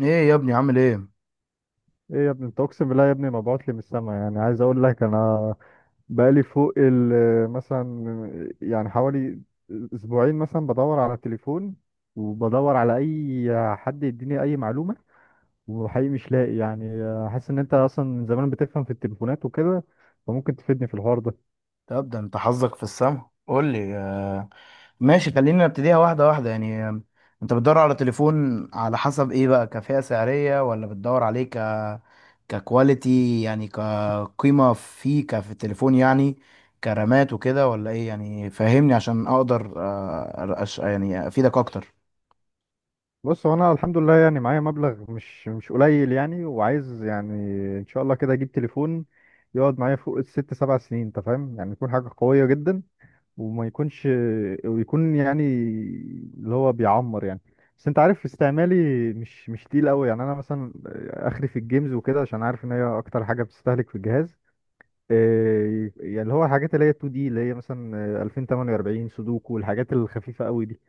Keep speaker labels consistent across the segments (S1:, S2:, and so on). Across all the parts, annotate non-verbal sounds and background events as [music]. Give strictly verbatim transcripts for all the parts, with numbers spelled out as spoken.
S1: ايه يا ابني، عامل ايه؟
S2: ايه يا ابني، انت اقسم بالله يا ابني مبعوت لي من السما، يعني عايز اقول لك. انا بقالي فوق ال مثلا، يعني حوالي اسبوعين، مثلا بدور على التليفون، وبدور على اي حد يديني اي معلومه، وحقيقي مش لاقي يعني. حاسس ان انت اصلا من زمان بتفهم في التليفونات وكده، فممكن تفيدني في الحوار ده.
S1: طب ده انت حظك في السما، قول لي. آه، ماشي، خلينا نبتديها واحده واحده يعني. آه، انت بتدور على تليفون على حسب ايه بقى؟ كفئة سعريه ولا بتدور عليه ك ككواليتي، يعني كقيمه فيه كفي التليفون؟ يعني كرامات وكده ولا ايه؟ يعني فهمني عشان اقدر آه، أش- يعني افيدك اكتر.
S2: بص، هو انا الحمد لله يعني معايا مبلغ مش مش قليل يعني، وعايز يعني ان شاء الله كده اجيب تليفون يقعد معايا فوق الست سبع سنين. انت فاهم يعني، يكون حاجه قويه جدا وما يكونش، ويكون يعني اللي هو بيعمر يعني. بس انت عارف استعمالي مش مش تقيل قوي يعني. انا مثلا اخري في الجيمز وكده عشان عارف ان هي اكتر حاجه بتستهلك في الجهاز. إيه، يعني اللي هو الحاجات اللي هي اتنين دي، اللي هي مثلا الفين واربعة وتمانين سودوكو والحاجات الخفيفه قوي دي.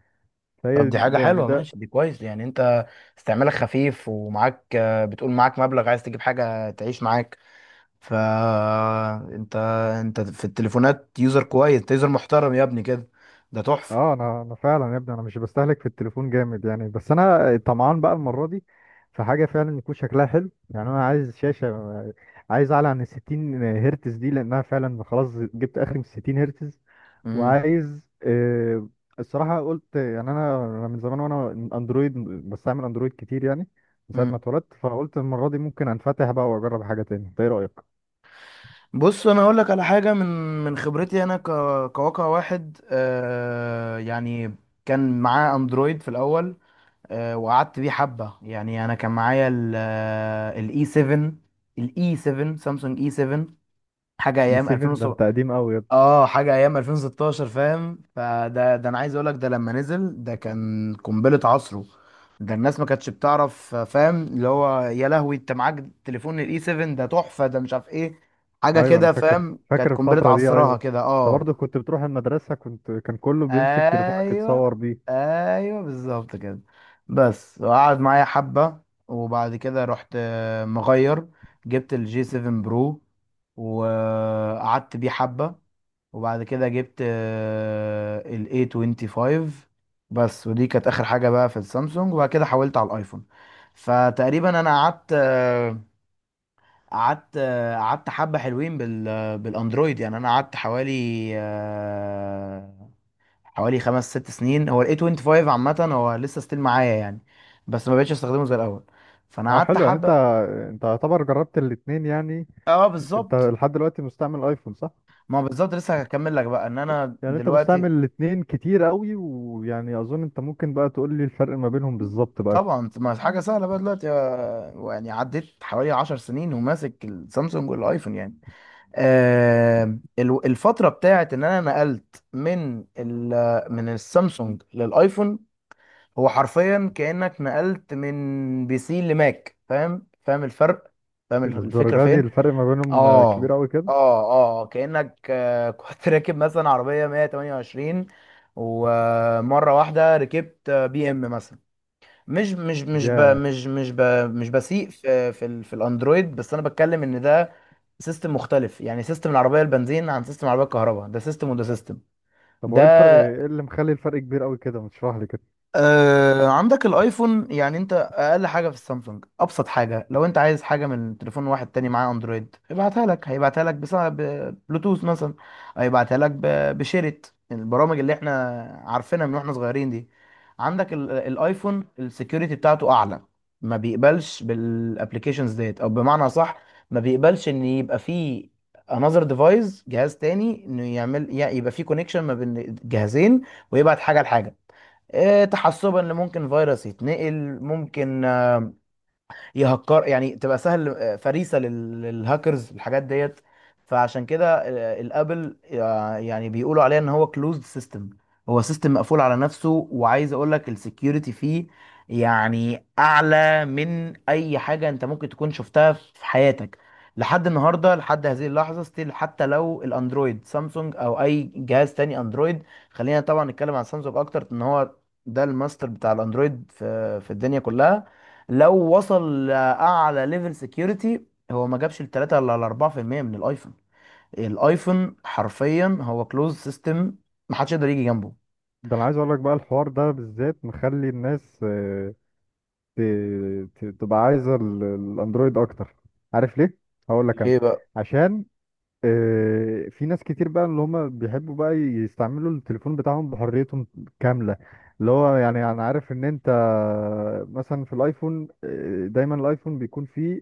S1: طب
S2: فهي
S1: دي حاجة
S2: ده يعني
S1: حلوة،
S2: ده.
S1: ماشي دي كويس. يعني انت استعمالك خفيف، ومعاك، آه، بتقول معاك مبلغ عايز تجيب حاجة تعيش معاك، فانت انت انت في التليفونات يوزر كويس، انت يوزر محترم يا ابني كده، ده تحفة.
S2: اه، انا انا فعلا يا ابني انا مش بستهلك في التليفون جامد يعني. بس انا طمعان بقى المره دي في حاجه فعلا يكون شكلها حلو يعني. انا عايز شاشه، عايز اعلى عن ال ستين هرتز دي، لانها فعلا خلاص جبت اخر من ستين هرتز.
S1: امم
S2: وعايز آه، الصراحه قلت يعني، انا أنا من زمان وانا اندرويد، بستعمل اندرويد كتير يعني من ساعه ما
S1: امم
S2: اتولدت. فقلت المره دي ممكن انفتح بقى واجرب حاجه تاني. إنت ايه رايك؟
S1: بص، انا هقول لك على حاجة من من خبرتي انا. ك... كواقع واحد آه يعني، كان معاه اندرويد في الاول. آه وقعدت بيه حبة. يعني انا كان معايا ال الاي 7، الاي 7 سامسونج، اي 7، حاجة
S2: اي
S1: ايام
S2: سفن؟ ده
S1: ألفين وسبعة.
S2: انت قديم قوي.
S1: اه حاجه ايام ألفين وستاشر فاهم. فده ده انا عايز اقول لك، ده لما نزل ده كان قنبله عصره. ده الناس ما كانتش بتعرف، فاهم؟ اللي هو يا لهوي، انت معاك تليفون الاي 7؟ ده تحفه، ده مش عارف ايه، حاجه
S2: ايوه انا
S1: كده،
S2: فاكر،
S1: فاهم؟ كانت
S2: فاكر
S1: قنبله
S2: الفتره دي. ايوه
S1: عصرها كده
S2: انت
S1: اه.
S2: برضه كنت بتروح المدرسه، كنت كان كله بيمسك تليفونك
S1: ايوه
S2: يتصور بيه.
S1: ايوه بالظبط كده. بس وقعد معايا حبه، وبعد كده رحت آه، مغير، جبت الجي سفن برو وقعدت بيه حبه، وبعد كده جبت آه، ال ايه خمسة وعشرين. بس ودي كانت اخر حاجه بقى في السامسونج، وبعد كده حولت على الايفون. فتقريبا انا قعدت آه، قعدت آه، قعدت حبه حلوين بال آه، بالاندرويد. يعني انا قعدت حوالي آه، حوالي خمس ست سنين. هو ال ايه خمسة وعشرين عامه هو لسه ستيل معايا يعني، بس ما بقتش استخدمه زي الاول. فانا
S2: اه
S1: قعدت
S2: حلو يعني، انت
S1: حبه،
S2: انت يعتبر جربت الاتنين يعني.
S1: اه
S2: انت
S1: بالظبط.
S2: لحد دلوقتي مستعمل ايفون، صح؟
S1: ما هو بالظبط، لسه هكمل لك بقى. ان انا
S2: يعني انت
S1: دلوقتي
S2: مستعمل الاتنين كتير قوي، ويعني اظن انت ممكن بقى تقول لي الفرق ما بينهم بالظبط بقى.
S1: طبعا، ما حاجه سهله بقى دلوقتي. آه، يعني عديت حوالي عشر سنين وماسك السامسونج والايفون يعني. آه، ال- الفتره بتاعت ان انا نقلت من ال- من السامسونج للايفون، هو حرفيا كانك نقلت من بي سي لماك. فاهم فاهم الفرق؟ فاهم الفكره
S2: الدرجه دي
S1: فين؟
S2: الفرق ما بينهم آه، كبير
S1: اه
S2: قوي كده؟
S1: اه اه. كانك آه، [laughs] كنت راكب مثلا عربيه مية وتمنية وعشرين، ومره واحده ركبت بي ام مثلا. مش مش مش ب
S2: يا
S1: مش مش ب مش بسيء في في, ال- في الاندرويد، بس انا بتكلم ان ده سيستم مختلف. يعني سيستم العربيه البنزين عن سيستم العربيه الكهرباء، ده سيستم وده سيستم.
S2: طب هو
S1: ده
S2: ايه الفرق، ايه اللي مخلي الفرق كبير قوي كده؟ ما تشرح لي كده.
S1: آه عندك الايفون، يعني انت اقل حاجه في السامسونج، ابسط حاجه، لو انت عايز حاجه من تليفون واحد تاني معاه اندرويد ابعتها لك، هيبعتها لك بسبب بلوتوث مثلا. هيبعتها لك ب- بشيرت البرامج اللي احنا عارفينها من واحنا صغيرين دي. عندك ال- الايفون السكيورتي بتاعته اعلى، ما بيقبلش بالابلكيشنز ديت، او بمعنى صح، ما بيقبلش ان يبقى فيه انذر ديفايس، جهاز تاني، انه يعمل يبقى فيه كونكشن ما بين جهازين ويبعت حاجه لحاجه. آه، تحسبا اللي ممكن فيروس يتنقل، ممكن يهكر يعني، تبقى سهل آه، فريسه لل- للهاكرز، الحاجات ديت. فعشان كده آه، الابل آه، يعني بيقولوا عليه ان هو كلوزد سيستم، هو سيستم مقفول على نفسه. وعايز اقول لك السكيورتي فيه يعني اعلى من اي حاجه انت ممكن تكون شفتها في حياتك لحد النهارده، لحد هذه اللحظه، ستيل، حتى لو الاندرويد سامسونج او اي جهاز تاني اندرويد. خلينا طبعا نتكلم عن سامسونج اكتر، ان هو ده الماستر بتاع الاندرويد في في الدنيا كلها. لو وصل لاعلى ليفل سكيورتي، هو ما جابش ال تلاتة ولا ال اربعة في المية من الايفون. الايفون حرفيا هو كلوز سيستم، ما حدش يقدر يجي جنبه.
S2: ده انا عايز اقول لك بقى الحوار ده بالذات مخلي الناس آه، ت- ت- تبقى عايزه
S1: عايز أ-
S2: ال- الاندرويد اكتر. عارف ليه؟ هقول لك انا.
S1: ليه بقى؟
S2: عشان آه، في ناس كتير بقى اللي هم بيحبوا بقى يستعملوا التليفون بتاعهم بحريتهم كاملة. اللي هو يعني انا عارف ان انت مثلا في الايفون، آه، دايما الايفون بيكون فيه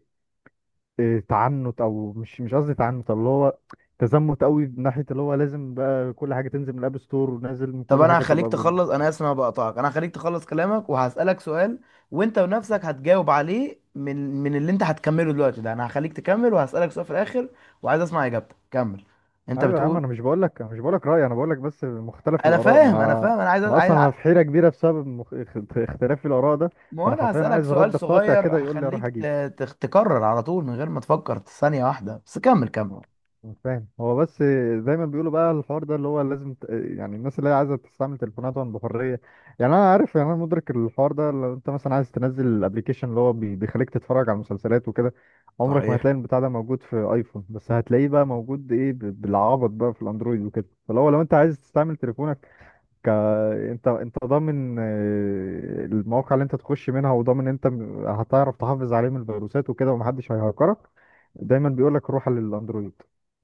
S2: آه، تعنت، او مش مش قصدي تعنت، اللي هو تزمت قوي، من ناحية اللي هو لازم بقى كل حاجة تنزل من الاب ستور، ونازل من
S1: طب
S2: كل
S1: انا
S2: حاجة
S1: هخليك
S2: تبقى.
S1: تخلص، انا اسف إن انا بقطعك، انا هخليك تخلص كلامك وهسألك سؤال، وانت بنفسك هتجاوب عليه من من اللي انت هتكمله دلوقتي. ده انا هخليك تكمل وهسألك سؤال في الاخر، وعايز اسمع اجابتك. كمل، انت
S2: ايوه يا عم،
S1: بتقول.
S2: انا مش بقول لك مش بقول لك رايي، انا بقول لك بس مختلف
S1: انا
S2: الاراء. ما
S1: فاهم انا
S2: انا
S1: فاهم انا عايز
S2: انا
S1: عايز
S2: اصلا انا في حيره كبيره بسبب مخ... اخت- اختلاف الاراء ده.
S1: ما هو
S2: فانا
S1: انا
S2: حرفيا
S1: هسألك
S2: عايز
S1: سؤال
S2: رد قاطع
S1: صغير،
S2: كده يقول لي اروح
S1: هخليك
S2: اجيب.
S1: ت- تخ- تكرر على طول من غير ما تفكر ثانية واحدة، بس كمل كمل.
S2: آه، مش فاهم هو. بس زي ما بيقولوا بقى الحوار ده اللي هو لازم ت... يعني الناس اللي هي عايزه تستعمل تليفوناتهم بحريه. يعني انا عارف، يعني انا مدرك الحوار ده. لو انت مثلا عايز تنزل الابليكيشن اللي هو بي... بيخليك تتفرج على مسلسلات وكده، عمرك ما
S1: صحيح.
S2: هتلاقي البتاع ده موجود في ايفون، بس هتلاقيه بقى موجود، ايه، ب- بالعبط بقى في الاندرويد وكده. فلو لو انت عايز تستعمل تليفونك، ك... انت انت ضامن آه، المواقع اللي انت تخش منها، وضامن انت م- هتعرف تحافظ عليه من الفيروسات وكده، ومحدش هيهكرك، دايما بيقول لك روح للاندرويد.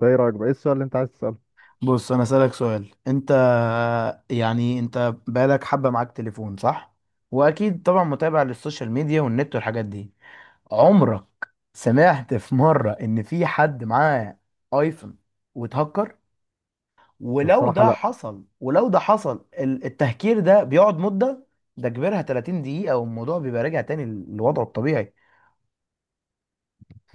S2: ده ايه رايك بقى؟ ايه السؤال اللي انت عايز تساله؟
S1: بص، انا اسألك سؤال انت. يعني انت بقالك حبة معاك تليفون صح، واكيد طبعا متابع للسوشيال ميديا والنت والحاجات دي، عمرك سمعت في مرة ان في حد معاه ايفون واتهكر؟ ولو
S2: الصراحه
S1: ده
S2: لا.
S1: حصل، ولو ده حصل، ال- التهكير ده بيقعد مدة، ده كبرها تلاتين دقيقة، والموضوع بيبقى راجع تاني لوضعه الطبيعي.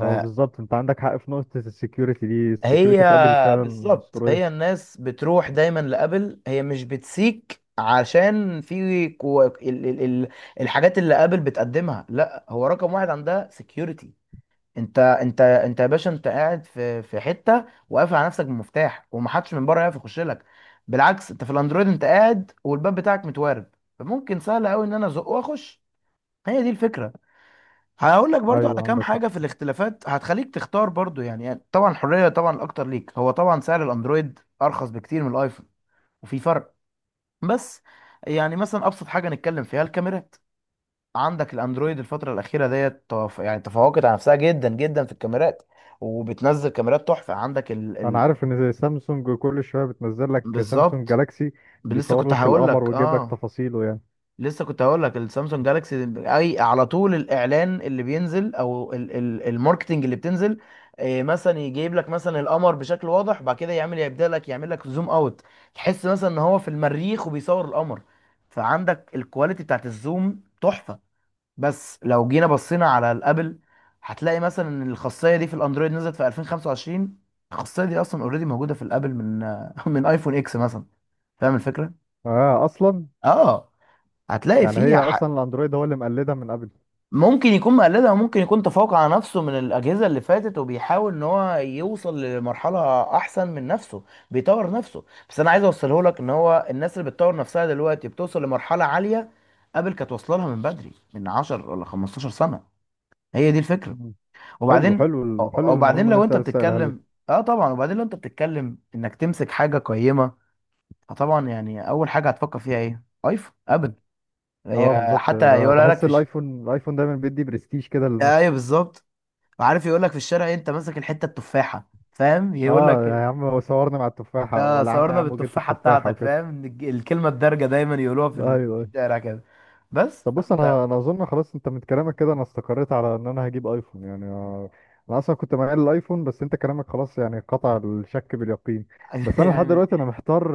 S2: هو بالظبط انت عندك حق في نقطه السكيورتي دي.
S1: هي
S2: السكيورتي في ابل فعلا
S1: بالظبط،
S2: اسطوريه.
S1: هي الناس بتروح دايما لابل، هي مش بتسيك، عشان في كو... ال... ال... ال... الحاجات اللي ابل بتقدمها، لا، هو رقم واحد عندها سكيورتي. انت انت انت يا باشا انت قاعد في في حته وقافل على نفسك بمفتاح، ومحدش من بره يعرف يخش لك. بالعكس، انت في الاندرويد انت قاعد والباب بتاعك متوارب، فممكن سهل قوي ان انا ازق واخش. هي دي الفكره. هقول لك برضو على
S2: ايوه
S1: كام
S2: عندك حق.
S1: حاجه في الاختلافات هتخليك تختار برضو، يعني, يعني طبعا الحريه، طبعا الاكتر ليك. هو طبعا سعر الاندرويد ارخص بكتير من الايفون، وفي فرق. بس يعني مثلا ابسط حاجه نتكلم فيها الكاميرات، عندك الاندرويد الفتره الاخيره ديت تف... يعني تفوقت على نفسها جدا جدا في الكاميرات، وبتنزل كاميرات تحفه. عندك ال...
S2: انا
S1: ال...
S2: عارف ان زي سامسونج كل شويه بتنزل لك سامسونج
S1: بالظبط،
S2: جالاكسي
S1: لسه
S2: بيصور
S1: كنت
S2: لك
S1: هقول
S2: القمر
S1: لك
S2: ويجيب لك
S1: اه.
S2: تفاصيله يعني.
S1: لسه كنت هقول لك السامسونج جالاكسي اي على طول، الاعلان اللي بينزل او ال- ال- الماركتنج اللي بتنزل، إيه، مثلا يجيب لك مثلا القمر بشكل واضح، بعد كده يعمل يبدا لك يعمل لك زوم اوت، تحس مثلا ان هو في المريخ وبيصور القمر. فعندك الكواليتي بتاعت الزوم تحفه. بس لو جينا بصينا على الابل، هتلاقي مثلا ان الخاصيه دي في الاندرويد نزلت في ألفين وخمسة وعشرين، الخاصيه دي اصلا اوريدي موجوده في الابل من [laughs] من ايفون اكس مثلا. فاهم الفكره؟
S2: اه اصلا.
S1: اه، هتلاقي
S2: يعني
S1: فيه.
S2: هي اصلا الاندرويد هو اللي مقلدها من
S1: ممكن يكون مقلدها، وممكن يكون تفوق على نفسه من الأجهزة اللي فاتت، وبيحاول إن هو يوصل لمرحلة أحسن من نفسه، بيطور نفسه. بس أنا عايز أوصله لك إن هو الناس اللي بتطور نفسها دلوقتي بتوصل لمرحلة عالية، قبل كانت واصلة لها من بدري، من عشر ولا خمستاشر سنة. هي دي الفكرة.
S2: ابل. حلو،
S1: وبعدين،
S2: حلو، ال- حلو المعلومه
S1: وبعدين
S2: اللي
S1: لو
S2: انت
S1: أنت
S2: لسه قايلها لي.
S1: بتتكلم، أه طبعا. وبعدين لو أنت بتتكلم إنك تمسك حاجة قيمة، فطبعا يعني أول حاجة هتفكر فيها إيه؟ أيفون أبل.
S2: اه
S1: هي
S2: بالظبط،
S1: حتى
S2: أنا
S1: يقولها لك
S2: بحس
S1: في ش...
S2: الايفون، الايفون دايما بيدي برستيج كده للماسكه.
S1: أيوه بالظبط. وعارف يقول لك في الشارع، إيه، انت ماسك الحته التفاحه، فاهم؟ يقول
S2: اه
S1: لك
S2: يا
S1: إيه،
S2: عم، صورنا مع التفاحه،
S1: اه،
S2: ولا انا يا
S1: صورنا
S2: عم جبت
S1: بالتفاحه
S2: التفاحه
S1: بتاعتك،
S2: وكده.
S1: فاهم؟ الج- الكلمه الدارجه دايما يقولوها في
S2: ايوه، ايوه.
S1: الشارع كده، بس.
S2: طب بص،
S1: فانت
S2: انا انا اظن خلاص انت من كلامك كده انا استقريت على ان انا هجيب ايفون يعني. آه، انا اصلا كنت مايل للايفون، بس انت كلامك خلاص يعني قطع الشك باليقين.
S1: [laughs]
S2: بس انا لحد
S1: يعني،
S2: دلوقتي انا محتار،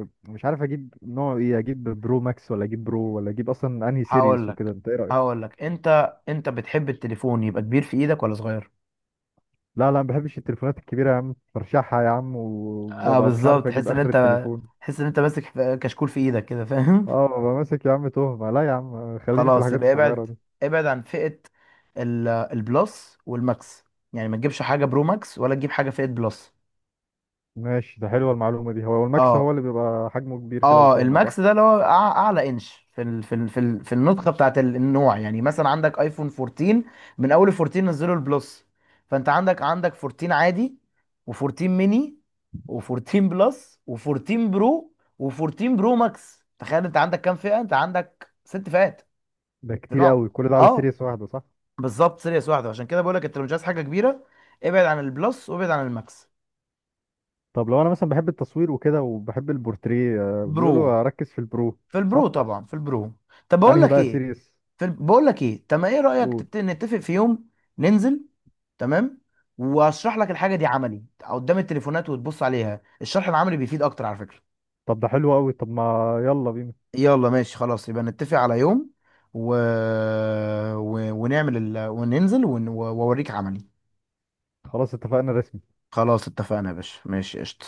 S2: آه، مش عارف اجيب نوع ايه، اجيب برو ماكس ولا اجيب برو، ولا اجيب اصلا انهي
S1: هقول
S2: سيريس وكده.
S1: لك،
S2: انت ايه رايك؟
S1: هقول لك: انت انت بتحب التليفون يبقى كبير في ايدك ولا صغير؟
S2: لا لا، ما بحبش التليفونات الكبيرة يا عم، برشحها يا عم
S1: اه
S2: وببقى مش عارف
S1: بالظبط،
S2: اجيب
S1: تحس ان
S2: اخر
S1: انت،
S2: التليفون.
S1: تحس ان انت ماسك كشكول في ايدك كده [laughs] فاهم؟
S2: اه ببقى ماسك يا عم تهمة. لا يا عم، خليني في
S1: خلاص
S2: الحاجات
S1: يبقى
S2: الصغيرة
S1: ابعد،
S2: دي.
S1: ابعد عن فئه ال- البلس والماكس، يعني ما تجيبش حاجه برو ماكس ولا تجيب حاجه فئه بلس.
S2: ماشي، ده حلوة المعلومة دي. هو الماكس
S1: اه
S2: هو اللي بيبقى حجمه كبير كده
S1: اه.
S2: وتهمة، صح؟
S1: الماكس ده اللي هو أع- اعلى انش في ال في ال في, ال في النسخه بتاعت ال- النوع. يعني مثلا عندك ايفون فورتين، من اول فورتين نزلوا البلس. فانت عندك عندك فورتين عادي، و14 ميني، و14 بلس، و14 برو، و14 برو ماكس. تخيل انت عندك كام فئه؟ انت عندك ست فئات
S2: ده
S1: في
S2: كتير
S1: نوع.
S2: قوي كل ده على
S1: اه
S2: سيريس واحدة، صح؟
S1: بالظبط، سيريس واحده. عشان كده بقول لك، انت لو مش عايز حاجه كبيره، ابعد عن البلس وابعد عن الماكس.
S2: طب لو انا مثلا بحب التصوير وكده وبحب البورتريه، آه،
S1: برو،
S2: بيقولوا اركز في البرو،
S1: في البرو
S2: صح؟
S1: طبعا، في البرو. طب بقول
S2: انهي
S1: لك
S2: بقى
S1: ايه،
S2: سيريس؟
S1: في بقول لك ايه. تمام، ايه رايك
S2: قول.
S1: تت- نتفق في يوم ننزل؟ تمام، واشرح لك الحاجه دي عملي قدام التليفونات وتبص عليها. الشرح العملي بيفيد اكتر على فكره.
S2: طب ده حلو قوي، طب ما... يلا بينا.
S1: يلا ماشي خلاص، يبقى نتفق على يوم، و... و... ونعمل ال... وننزل ون... واوريك عملي.
S2: خلاص اتفقنا رسمي.
S1: خلاص اتفقنا يا باشا، ماشي قشطه.